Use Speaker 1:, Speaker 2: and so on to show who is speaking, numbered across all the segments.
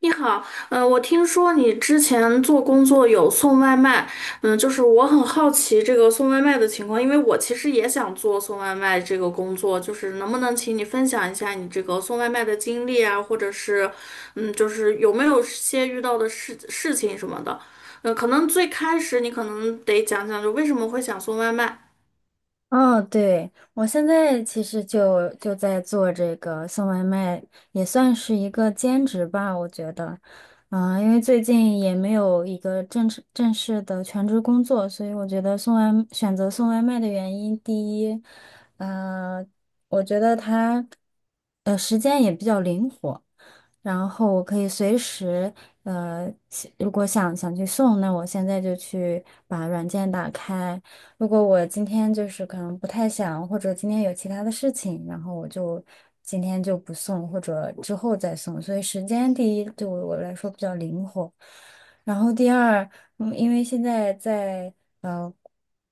Speaker 1: 你好，我听说你之前做工作有送外卖。就是我很好奇这个送外卖的情况，因为我其实也想做送外卖这个工作，就是能不能请你分享一下你这个送外卖的经历啊，或者是，就是有没有些遇到的事情什么的，可能最开始你可能得讲讲，就为什么会想送外卖。
Speaker 2: 哦，对，我现在其实就在做这个送外卖，也算是一个兼职吧，我觉得，因为最近也没有一个正式的全职工作，所以我觉得选择送外卖的原因，第一，呃，我觉得它，时间也比较灵活，然后我可以随时，如果想去送，那我现在就去把软件打开。如果我今天就是可能不太想，或者今天有其他的事情，然后我今天就不送，或者之后再送。所以时间第一对我来说比较灵活，然后第二，嗯，因为现在在呃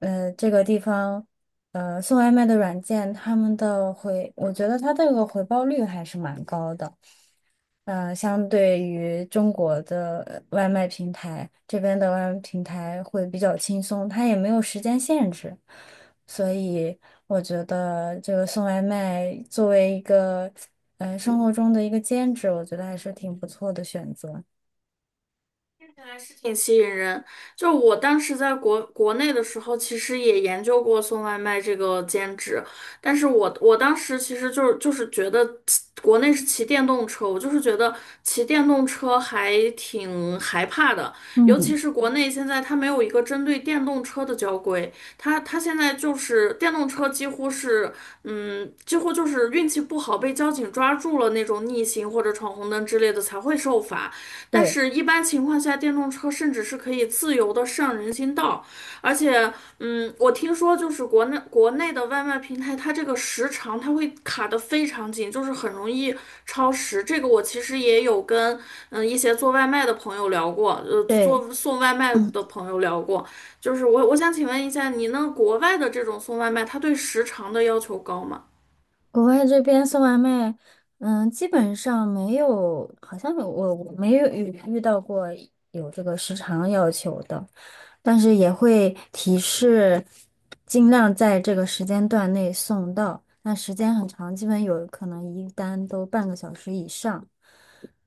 Speaker 2: 这个地方，送外卖的软件，他们的回，我觉得他这个回报率还是蛮高的。相对于中国的外卖平台，这边的外卖平台会比较轻松，它也没有时间限制，所以我觉得这个送外卖作为一个生活中的一个兼职，我觉得还是挺不错的选择。
Speaker 1: 看来是挺吸引人。就我当时在国内的时候，其实也研究过送外卖这个兼职，但是我当时其实就是觉得骑国内是骑电动车，我就是觉得骑电动车还挺害怕的，尤其
Speaker 2: 嗯，
Speaker 1: 是国内现在它没有一个针对电动车的交规，它现在就是电动车几乎是几乎就是运气不好被交警抓住了那种逆行或者闯红灯之类的才会受罚。但
Speaker 2: 对
Speaker 1: 是，一般情况下，电动车甚至是可以自由的上人行道。而且，我听说就是国内的外卖平台，它这个时长它会卡得非常紧，就是很容易超时。这个我其实也有跟一些做外卖的朋友聊过，
Speaker 2: 对，
Speaker 1: 做送外卖
Speaker 2: 嗯，
Speaker 1: 的朋友聊过。就是我想请问一下，你那国外的这种送外卖，它对时长的要求高吗？
Speaker 2: 国外这边送外卖，嗯，基本上没有，好像我没有遇到过有这个时长要求的。但是也会提示尽量在这个时间段内送到。那时间很长，基本有可能一单都半个小时以上。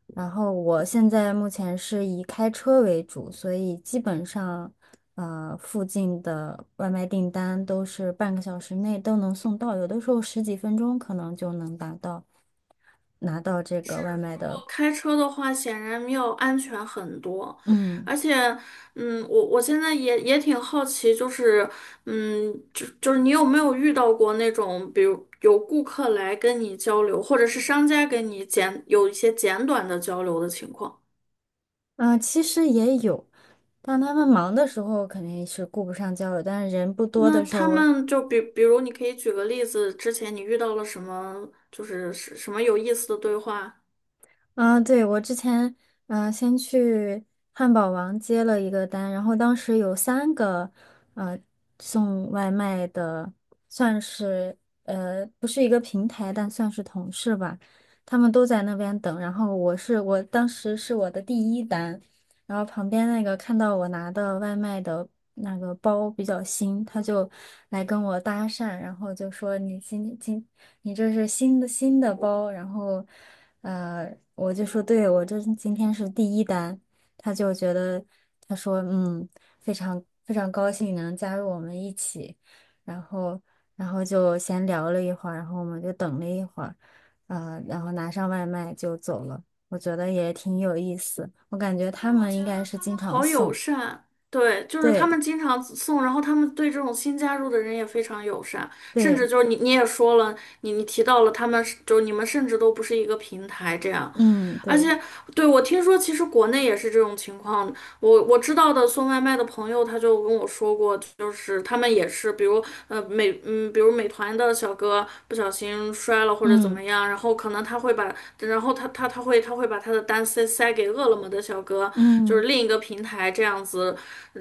Speaker 2: 然后我现在目前是以开车为主，所以基本上，附近的外卖订单都是半个小时内都能送到，有的时候十几分钟可能就能拿到这
Speaker 1: 是，
Speaker 2: 个外卖
Speaker 1: 如
Speaker 2: 的。
Speaker 1: 果开车的话，显然要安全很多。
Speaker 2: 嗯，
Speaker 1: 而且，我现在也挺好奇，就是，就是你有没有遇到过那种，比如有顾客来跟你交流，或者是商家跟你简有一些简短的交流的情况？
Speaker 2: 其实也有。当他们忙的时候，肯定是顾不上交流，但是人不多
Speaker 1: 那
Speaker 2: 的时
Speaker 1: 他
Speaker 2: 候，
Speaker 1: 们就比如，你可以举个例子，之前你遇到了什么，就是什么有意思的对话？
Speaker 2: 啊，对，我之前嗯，先去汉堡王接了一个单，然后当时有三个呃送外卖的，算是不是一个平台，但算是同事吧，他们都在那边等，然后我当时是我的第一单，然后旁边那个看到我拿的外卖的那个包比较新，他就来跟我搭讪，然后就说你今今你这是新的包，然后，我就说对，我这今天是第一单，他就觉得他说嗯，非常高兴能加入我们一起，然后然后就闲聊了一会儿，然后我们就等了一会儿，然后拿上外卖就走了，我觉得也挺有意思，我感觉
Speaker 1: 哎，
Speaker 2: 他
Speaker 1: 我
Speaker 2: 们
Speaker 1: 觉
Speaker 2: 应该
Speaker 1: 得
Speaker 2: 是
Speaker 1: 他
Speaker 2: 经
Speaker 1: 们
Speaker 2: 常
Speaker 1: 好友
Speaker 2: 送，
Speaker 1: 善。对，就是他
Speaker 2: 对
Speaker 1: 们经常送，然后他们对这种新加入的人也非常友善，甚至
Speaker 2: 对，
Speaker 1: 就是你也说了，你提到了他们是就是你们甚至都不是一个平台这样。
Speaker 2: 嗯
Speaker 1: 而
Speaker 2: 对，
Speaker 1: 且，对，我听说其实国内也是这种情况。我知道的送外卖的朋友，他就跟我说过，就是他们也是，比如呃美嗯，比如美团的小哥不小心摔了或者怎
Speaker 2: 嗯
Speaker 1: 么样，然后可能他会把，然后他把他的单塞给饿了么的小哥，就是
Speaker 2: 嗯
Speaker 1: 另一个平台这样子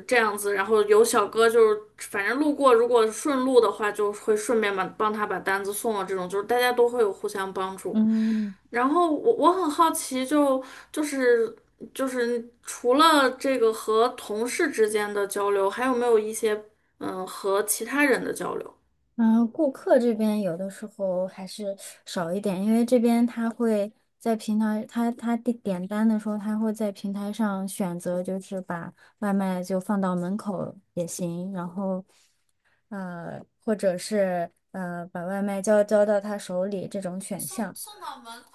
Speaker 1: 这样子，然后有小哥就是反正路过，如果顺路的话，就会顺便把帮他把单子送了。这种就是大家都会有互相帮助。
Speaker 2: 嗯。
Speaker 1: 然后我很好奇就，就是就是除了这个和同事之间的交流，还有没有一些和其他人的交流？
Speaker 2: 嗯，顾客这边有的时候还是少一点，因为这边他会在平台，他点单的时候，他会在平台上选择，就是把外卖就放到门口也行，然后或者是把外卖交到他手里这种选项。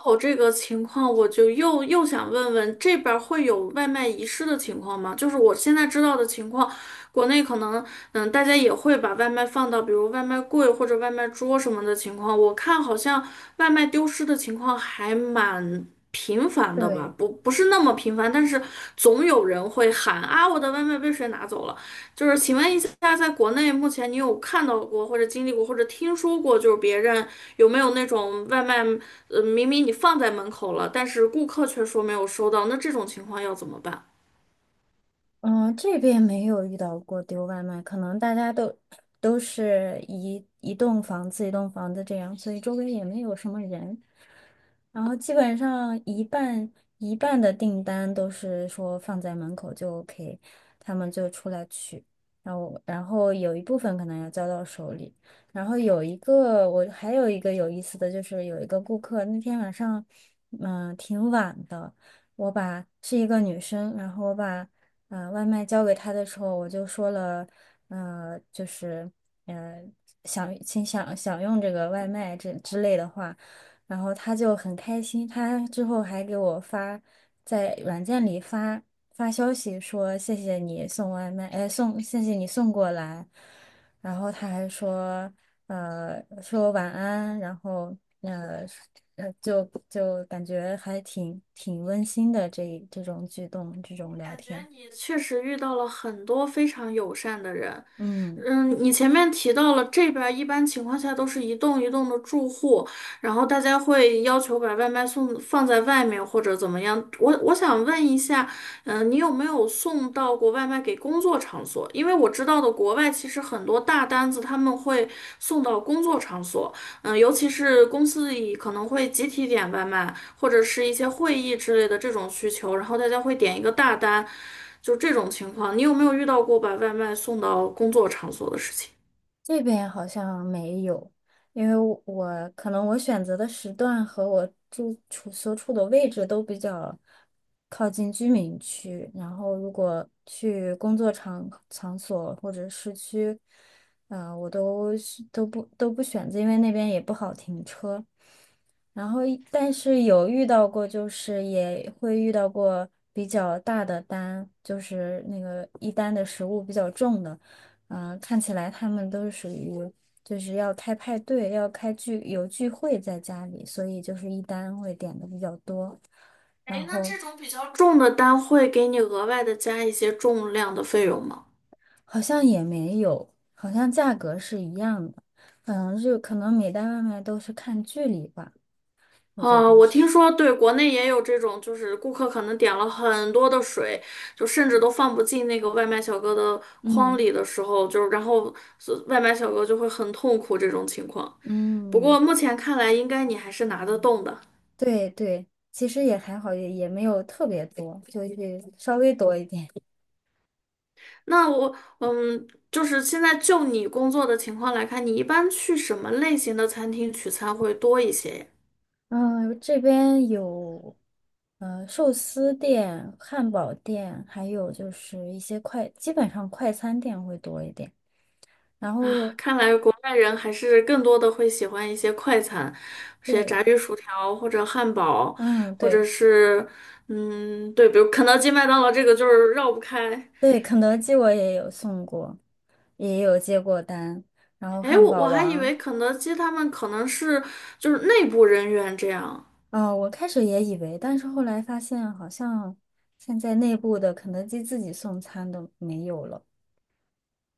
Speaker 1: 哦，这个情况我就又想问问，这边儿会有外卖遗失的情况吗？就是我现在知道的情况，国内可能大家也会把外卖放到比如外卖柜或者外卖桌什么的情况，我看好像外卖丢失的情况还蛮频繁的吧，
Speaker 2: 对，
Speaker 1: 不是那么频繁，但是总有人会喊啊，我的外卖被谁拿走了。就是请问一下，在国内目前你有看到过或者经历过或者听说过，就是别人有没有那种外卖，明明你放在门口了，但是顾客却说没有收到，那这种情况要怎么办？
Speaker 2: 嗯，这边没有遇到过丢外卖，可能大家都都是一栋房子一栋房子这样，所以周围也没有什么人。然后基本上一半的订单都是说放在门口就 OK，他们就出来取，然后有一部分可能要交到手里，然后有一个我还有一个有意思的就是有一个顾客那天晚上，挺晚的，是一个女生，然后我把外卖交给她的时候，我就说了，呃就是呃想请享用这个外卖这之类的话。然后他就很开心，他之后还给我发，在软件里发消息说谢谢你送外卖，哎，谢谢你送过来，然后他还说，说晚安，然后呃就就感觉还挺温馨的这种举动，这种聊天，
Speaker 1: 也确实遇到了很多非常友善的人。
Speaker 2: 嗯。
Speaker 1: 嗯，你前面提到了这边儿一般情况下都是一栋一栋的住户，然后大家会要求把外卖送放在外面或者怎么样。我想问一下，你有没有送到过外卖给工作场所？因为我知道的国外其实很多大单子他们会送到工作场所。嗯，尤其是公司里可能会集体点外卖，或者是一些会议之类的这种需求，然后大家会点一个大单，就这种情况，你有没有遇到过把外卖送到工作场所的事情？
Speaker 2: 这边好像没有，因为我我可能我选择的时段和我住处所处的位置都比较靠近居民区，然后如果去工作场所或者市区，我都不选择，因为那边也不好停车。然后但是有遇到过，就是也会遇到过比较大的单，就是那个一单的食物比较重的，看起来他们都是属于就是要开派对，要开聚会在家里，所以就是一单会点的比较多，然
Speaker 1: 哎，那
Speaker 2: 后
Speaker 1: 这种比较重的单会给你额外的加一些重量的费用吗？
Speaker 2: 好像也没有，好像价格是一样的，嗯，就可能每单外卖都是看距离吧，我觉
Speaker 1: 啊，
Speaker 2: 得
Speaker 1: 我听
Speaker 2: 是，
Speaker 1: 说对，国内也有这种，就是顾客可能点了很多的水，就甚至都放不进那个外卖小哥的筐
Speaker 2: 嗯
Speaker 1: 里的时候，就是然后所外卖小哥就会很痛苦这种情况。不
Speaker 2: 嗯。
Speaker 1: 过目前看来，应该你还是拿得动的。
Speaker 2: 对对，其实也还好，也也没有特别多，就是稍微多一点。
Speaker 1: 那我，就是现在就你工作的情况来看，你一般去什么类型的餐厅取餐会多一些呀？
Speaker 2: 嗯、这边有寿司店、汉堡店，还有就是一些快，基本上快餐店会多一点。然后
Speaker 1: 啊，
Speaker 2: 有，
Speaker 1: 看来国外人还是更多的会喜欢一些快餐，一些
Speaker 2: 对，
Speaker 1: 炸鱼薯条或者汉堡，
Speaker 2: 嗯，
Speaker 1: 或者
Speaker 2: 对
Speaker 1: 是，对，比如肯德基、麦当劳这个就是绕不开。
Speaker 2: 对，肯德基我也有送过，也有接过单，然后
Speaker 1: 哎，
Speaker 2: 汉
Speaker 1: 我
Speaker 2: 堡
Speaker 1: 还以
Speaker 2: 王，
Speaker 1: 为肯德基他们可能是就是内部人员这样。
Speaker 2: 哦，我开始也以为，但是后来发现好像现在内部的肯德基自己送餐都没有了。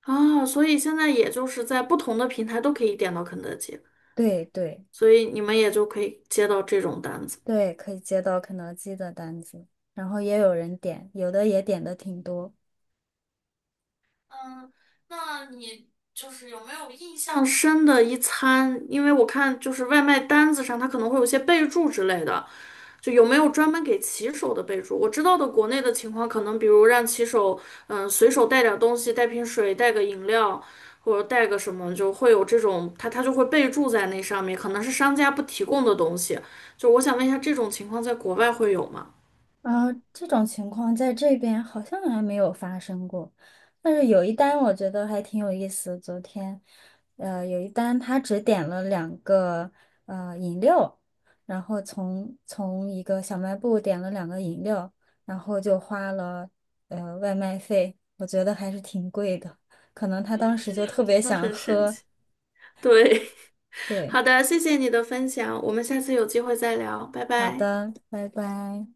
Speaker 1: 啊，所以现在也就是在不同的平台都可以点到肯德基，
Speaker 2: 对对，
Speaker 1: 所以你们也就可以接到这种单子。
Speaker 2: 对，可以接到肯德基的单子，然后也有人点，有的也点的挺多。
Speaker 1: 嗯，那你就是有没有印象？深的一餐，因为我看就是外卖单子上它可能会有些备注之类的，就有没有专门给骑手的备注？我知道的国内的情况，可能比如让骑手，随手带点东西，带瓶水，带个饮料，或者带个什么，就会有这种，他就会备注在那上面，可能是商家不提供的东西。就我想问一下，这种情况在国外会有吗？
Speaker 2: 啊，这种情况在这边好像还没有发生过，但是有一单我觉得还挺有意思。昨天，有一单他只点了两个饮料，然后从一个小卖部点了两个饮料，然后就花了外卖费，我觉得还是挺贵的，可能他当时就特别
Speaker 1: 真的
Speaker 2: 想
Speaker 1: 很神
Speaker 2: 喝，
Speaker 1: 奇。对，
Speaker 2: 对。
Speaker 1: 好的，谢谢你的分享，我们下次有机会再聊，拜
Speaker 2: 好
Speaker 1: 拜。
Speaker 2: 的，拜拜。